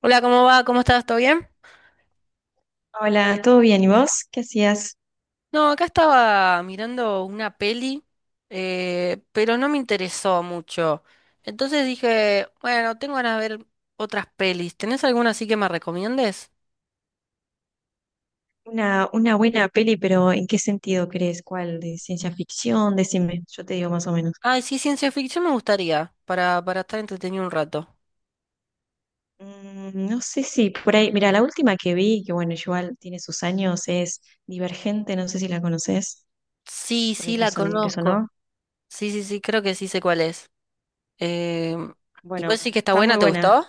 Hola, ¿cómo va? ¿Cómo estás? ¿Todo bien? Hola, ¿todo bien? ¿Y vos? ¿Qué hacías? No, acá estaba mirando una peli, pero no me interesó mucho. Entonces dije, bueno, tengo ganas de ver otras pelis. ¿Tenés alguna así que me recomiendes? Una buena peli, pero ¿en qué sentido crees? ¿Cuál? ¿De ciencia ficción? Decime, yo te digo más o menos. Ay, sí, ciencia ficción me gustaría, para estar entretenido un rato. Mm, no sé si por ahí, mira, la última que vi, que bueno, igual tiene sus años, es Divergente, no sé si la conoces, Sí, por ahí sí, la te conozco. sonó. Sí, sí, sí, creo que sí sé cuál es. Eh, ¿Y vos Bueno, sí que está está muy buena? ¿Te buena. gustó?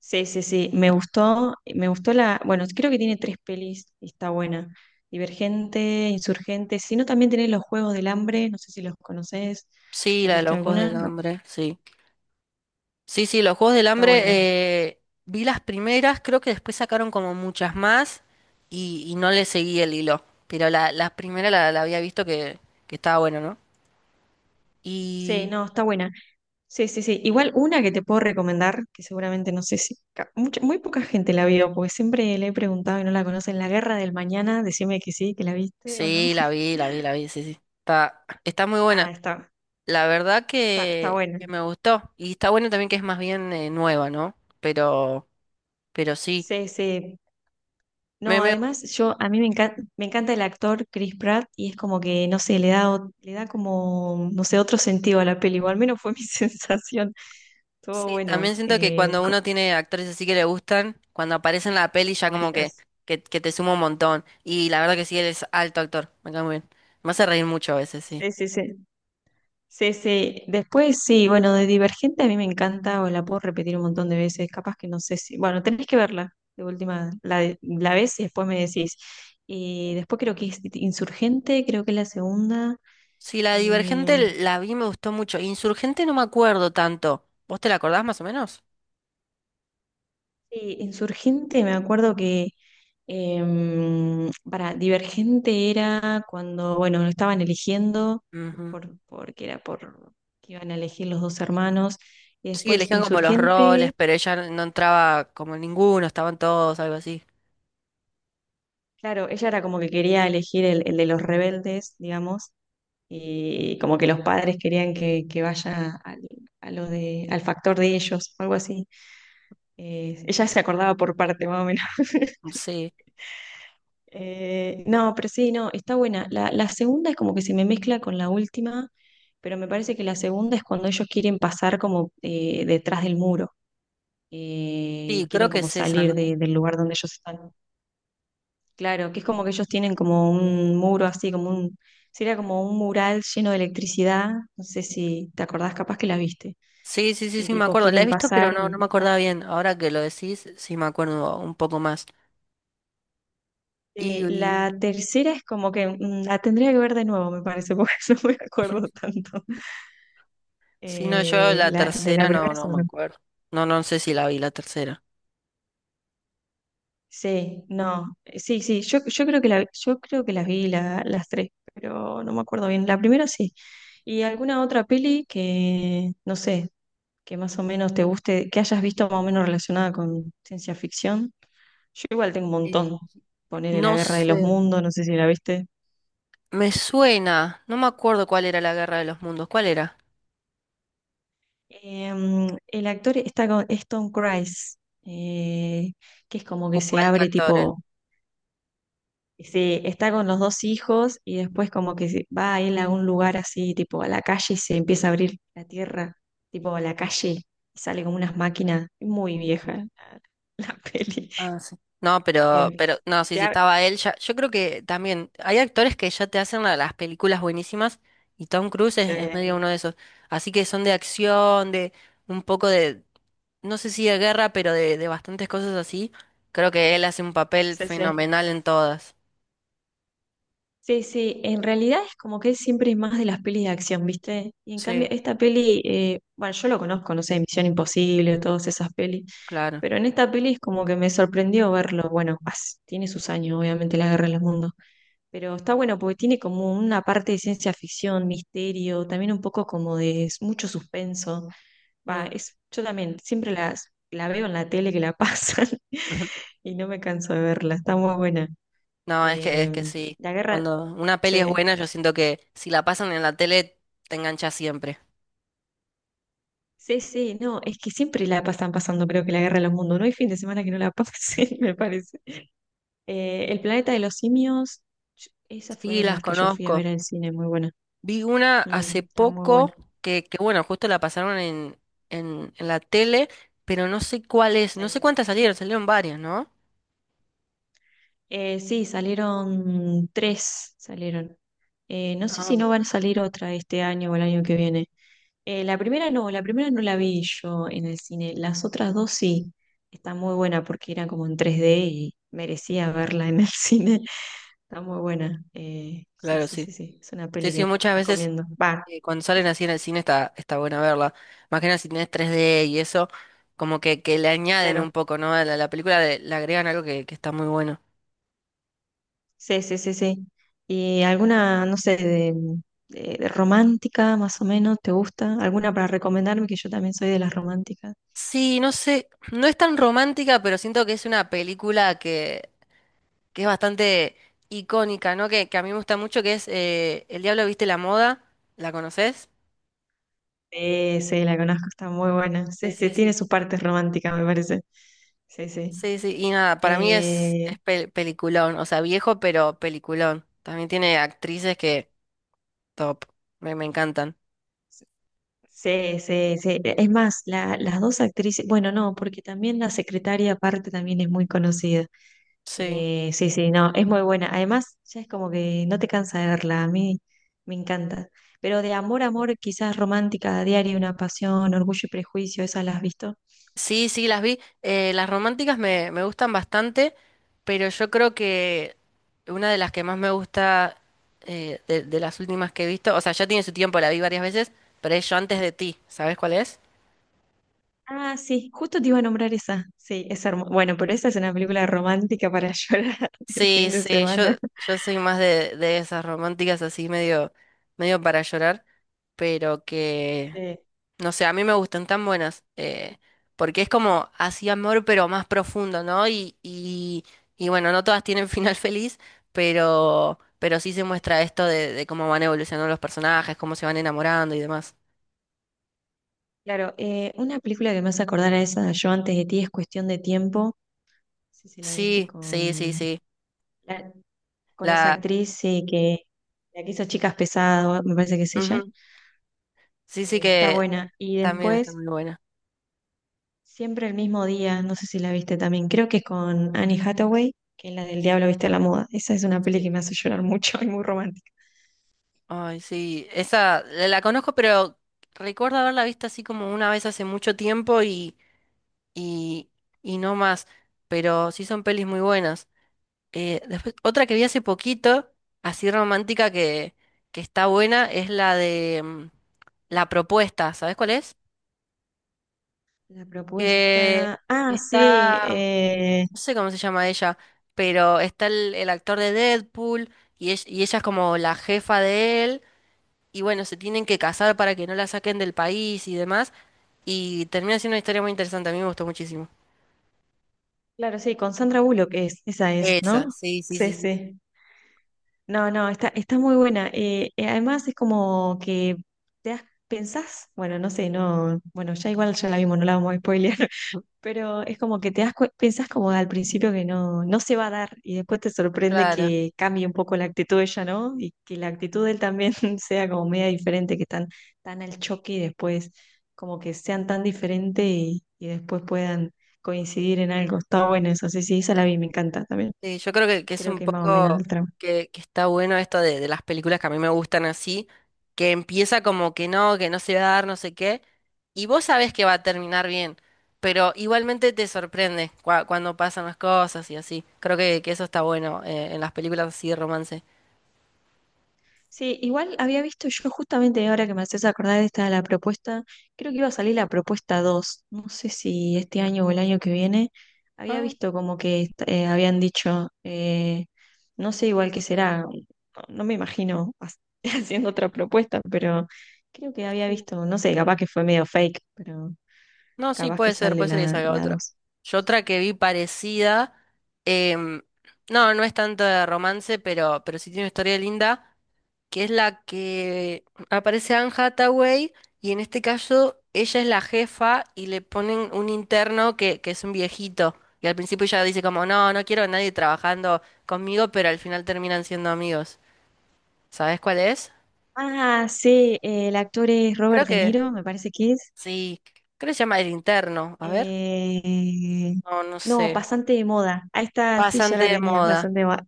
Sí, sí, sí, me gustó, bueno, creo que tiene tres pelis y está buena. Divergente, Insurgente, si no también tenés los Juegos del Hambre, no sé si los conoces Sí, o la de viste los Juegos alguna, del ¿no? Hambre, sí. Sí, sí, los Juegos del Está Hambre, buena. Vi las primeras, creo que después sacaron como muchas más y no le seguí el hilo, pero la primera la había visto que estaba bueno, ¿no? Sí, Y no, está buena. Sí, sí, sí. Igual una que te puedo recomendar, que seguramente no sé si muy poca gente la vio, porque siempre le he preguntado y no la conocen, La Guerra del Mañana, decime que sí, que la viste o no. sí, la vi, la vi, la vi, sí, sí, está, está muy Ah, buena. está, La verdad está buena. que me gustó y está bueno también que es más bien nueva, ¿no? Pero sí, Sí, sí. me No, me además yo a mí me encanta el actor Chris Pratt y es como que no sé, le da como no sé, otro sentido a la peli, o al menos fue mi sensación. Todo sí, bueno, también siento que cuando como uno tiene actores así que le gustan, cuando aparece en la peli ya como favoritas. Que te suma un montón. Y la verdad que sí, él es alto actor, me cae muy bien. Me hace reír mucho a veces, sí. Sí, sí, sí. Sí, sí. Después sí, bueno, de Divergente a mí me encanta, o la puedo repetir un montón de veces, capaz que no sé si, bueno, tenés que verla, de última, la ves y después me decís. Y después creo que es Insurgente, creo que es la segunda. Sí, la Y, Divergente la vi, me gustó mucho. Insurgente no me acuerdo tanto. ¿Vos te la acordás más o menos? sí, Insurgente, me acuerdo que para Divergente era cuando, bueno, lo estaban eligiendo, Ujú. Porque era por que iban a elegir los dos hermanos. Y Sí, después elegían como los roles, Insurgente. pero ella no entraba como en ninguno, estaban todos, algo así. Claro, ella era como que quería elegir el de los rebeldes, digamos, y como que los padres querían que vaya al factor de ellos, algo así. Ella se acordaba por parte, más o menos. Sí, no, pero sí, no, está buena. La segunda es como que se me mezcla con la última, pero me parece que la segunda es cuando ellos quieren pasar como detrás del muro, sí, creo quieren que como es esa, ¿no? Del lugar donde ellos están. Claro, que es como que ellos tienen como un muro así, como un, sería como un mural lleno de electricidad, no sé si te acordás, capaz que la viste, Sí, sí, sí, y sí, me tipo acuerdo. La he quieren visto, pero pasar no, no y me están. acordaba bien. Ahora que lo decís, sí me acuerdo un poco más. Y, y- La tercera es como que mm, la tendría que ver de nuevo, me parece, porque no me acuerdo tanto. si no, yo la La, de la tercera no, primera no sí. me acuerdo. No, no sé si la vi la tercera. Sí, no, sí, sí, yo, yo creo que las tres, pero no me acuerdo bien. La primera sí. Y alguna otra peli que, no sé, que más o menos te guste, que hayas visto más o menos relacionada con ciencia ficción. Yo igual tengo un Y montón. Ponele La no Guerra de los sé. Mundos, no sé si la viste. Me suena. No me acuerdo cuál era la Guerra de los Mundos. ¿Cuál era? El actor está con es Tom Cruise, eh, que es como que Hubo se alto abre actor. tipo, está con los dos hijos y después como que va él a un lugar así, tipo a la calle y se empieza a abrir la tierra, tipo a la calle, y sale como unas máquinas, muy vieja la peli. Ah, sí. No, Eh, pero, no, sí, se sí ab- estaba él ya. Yo creo que también hay actores que ya te hacen las películas buenísimas y Tom Cruise es medio se- uno de esos. Así que son de acción, de un poco no sé si de guerra, pero de bastantes cosas así. Creo que él hace un papel sí, sí. fenomenal en todas. Sí, sí, en realidad es como que él siempre es más de las pelis de acción, ¿viste? Y en cambio, Sí, esta peli, bueno, yo lo conozco, no sé, Misión Imposible, todas esas pelis, claro. pero en esta peli es como que me sorprendió verlo. Tiene sus años, obviamente, la Guerra de los Mundos, pero está bueno porque tiene como una parte de ciencia ficción, misterio, también un poco como de mucho suspenso. Va, Mm. es, yo también siempre la veo en la tele que la pasan y no me canso de verla, está muy buena. No, es Em, que sí. la guerra, Cuando una peli es sí. buena, yo siento que si la pasan en la tele, te engancha siempre. Sí, sí, no, es que siempre la pasan pasando, creo que la guerra de los mundos. No hay fin de semana que no la Ujú. pasen, me parece. El planeta de los simios, esas Sí, fueron las las que yo fui a conozco. ver al cine, muy buena. Vi una hace Mm, está muy buena. poco bueno, justo la pasaron en la tele, pero no sé cuál es, no sé Sí. cuántas salieron, salieron varias, ¿no? Sí, salieron tres, salieron. No sé Ah, si no van a salir otra este año o el año que viene. La primera no, la primera no la vi yo en el cine. Las otras dos sí, está muy buena porque era como en tres d y merecía verla en el cine. Está muy buena. Sí, claro, sí, sí. sí, sí. Es una Sí, peli sí, que muchas veces recomiendo. Cuando salen está- así en el cine está, está buena verla. Más que nada si tenés 3D y eso, como que le añaden un claro. poco, ¿no? A la película le agregan algo que está muy bueno. Sí, sí, sí, sí. ¿Y alguna, no sé, de romántica más o menos, te gusta? ¿Alguna para recomendarme? Que yo también soy de las románticas. Sí, no sé, no es tan romántica, pero siento que es una película que es bastante icónica, ¿no? Que a mí me gusta mucho, que es El Diablo Viste la Moda, ¿la conoces? Sí, sí, la conozco, está muy buena. Sí, Sí, sí, sí, tiene sí. sus partes románticas, me parece. Sí, sí. Sí, sí, y nada, para mí Eh, es peliculón, o sea, viejo, pero peliculón. También tiene actrices que, top, me encantan. sí, sí, sí. E, es más, las dos actrices, bueno, no, porque también la secretaria aparte también es muy conocida. Sí. Sí, sí, no, es muy buena. Además, ya es como que no te cansa de verla, a mí me encanta. Pero de amor a amor, quizás romántica, a diario, una pasión, orgullo y prejuicio, ¿esa la has visto? Sí, sí, las vi. Las románticas me gustan bastante, pero yo creo que una de las que más me gusta de las últimas que he visto, o sea, ya tiene su tiempo, la vi varias veces, pero es Yo antes de ti, ¿sabes cuál es? Ah, sí, justo te iba a nombrar esa. Sí, es hermosa. Bueno, pero esa es una película romántica para llorar el Sí, fin de sí, semana. yo soy más de esas románticas así medio para llorar, pero que, Sí, no sé, a mí me gustan tan buenas, porque es como así amor, pero más profundo, ¿no? Y bueno, no todas tienen final feliz, pero sí se muestra esto de cómo van evolucionando los personajes, cómo se van enamorando y demás. claro, una película que me hace acordar a esa, Yo antes de ti, es cuestión de tiempo. No sé si la viste Sí, sí, sí, sí. con esa La, actriz, sí, que la que hizo Chicas Pesadas, me parece que es ella. ujú, sí, sí Está que buena. Y también está después, muy buena. siempre el mismo día, no sé si la viste también, creo que es con Annie Hathaway, que es la del Diablo viste a la moda. Esa es una peli que Sí. me hace llorar mucho y muy romántica. Ay, sí, esa la conozco, pero recuerdo haberla visto así como una vez hace mucho tiempo y, y no más, pero sí son pelis muy buenas. Después, otra que vi hace poquito, así romántica que está buena, es la de La Propuesta, ¿sabes cuál es? La Que propuesta. Ah, sí, está, no sé cómo se llama ella, pero está el actor de Deadpool y ella es como la jefa de él. Y bueno, se tienen que casar para que no la saquen del país y demás, y termina siendo una historia muy interesante, a mí me gustó muchísimo. claro, sí, con Sandra Bullock es, esa es, Esa, ¿no? sí, sí, Sí, sí, sí, sí. No, no, está muy buena. Además es como que te das, pensás, bueno, no sé, no, bueno, ya igual ya la vimos, no la vamos a spoilear, pero es como que pensás como al principio que no, no se va a dar y después te sorprende claro. que cambie un poco la actitud de ella, ¿no? Y que la actitud de él también sea como media diferente, que están tan al choque y después como que sean tan diferentes y después puedan coincidir en algo. Está bueno eso, sí, sí, esa la vi, me encanta también. Sí, yo creo que es Creo un que más o menos poco el tramo. Que está bueno esto de las películas que a mí me gustan así, que empieza como que no se va a dar, no sé qué, y vos sabés que va a terminar bien, pero igualmente te sorprende cuando pasan las cosas y así. Creo que eso está bueno en las películas así de romance. Sí, igual había visto yo justamente ahora que me haces acordar de esta la propuesta, creo que iba a salir la propuesta 2. No sé si este año o el año que viene, había Ah, visto como habían dicho, no sé igual qué será, no, no me imagino ha- haciendo otra propuesta, pero creo que había sí. visto, no sé, capaz que fue medio fake, pero No, sí, capaz que sale puede ser que salga la otra. 2. Yo otra que vi parecida, em, no, no es tanto de romance, pero sí tiene una historia linda, que es la que aparece Anne Hathaway y en este caso ella es la jefa y le ponen un interno que es un viejito. Y al principio ella dice como, no, no quiero a nadie trabajando conmigo, pero al final terminan siendo amigos. ¿Sabes cuál es? Ah, sí, el actor es Creo Robert De que Niro, me parece que es. sí, creo que se llama El Interno. A ver, Eh, no, no no, sé. pasante de moda. Ahí está, sí, ya Bastante la de tenía, moda. pasante de moda.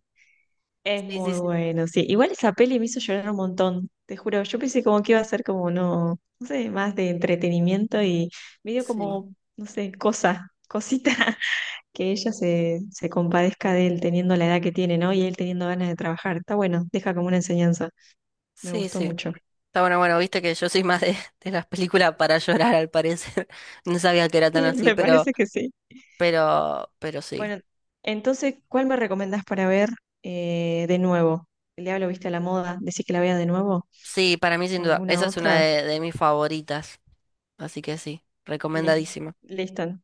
Es Sí, sí, muy sí, bueno, sí. Igual esa peli me hizo llorar un montón, te juro. Yo pensé como que iba a ser como, no, no sé, más de entretenimiento y me dio sí, como, no sé, cosa, cosita, que se compadezca de él teniendo la edad que tiene, ¿no? Y él teniendo ganas de trabajar. Está bueno, deja como una enseñanza. Me sí, gustó sí. mucho. Está bueno, bueno, viste que yo soy más de las películas para llorar, al parecer. No sabía que era tan así, Me parece que sí. Pero sí. Bueno, entonces, ¿cuál me recomendás para ver de nuevo? El diablo viste a la moda, decís que la vea de nuevo Sí, para mí sin con duda. alguna Esa es una otra. De mis favoritas. Así que sí, Lis- recomendadísima. Listo.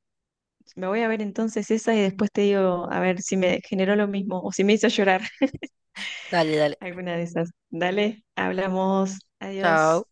Me voy a ver entonces esa y después te digo a ver si me generó lo mismo o si me hizo llorar Dale, dale. alguna de esas. Dale, hablamos. Chao. Adiós.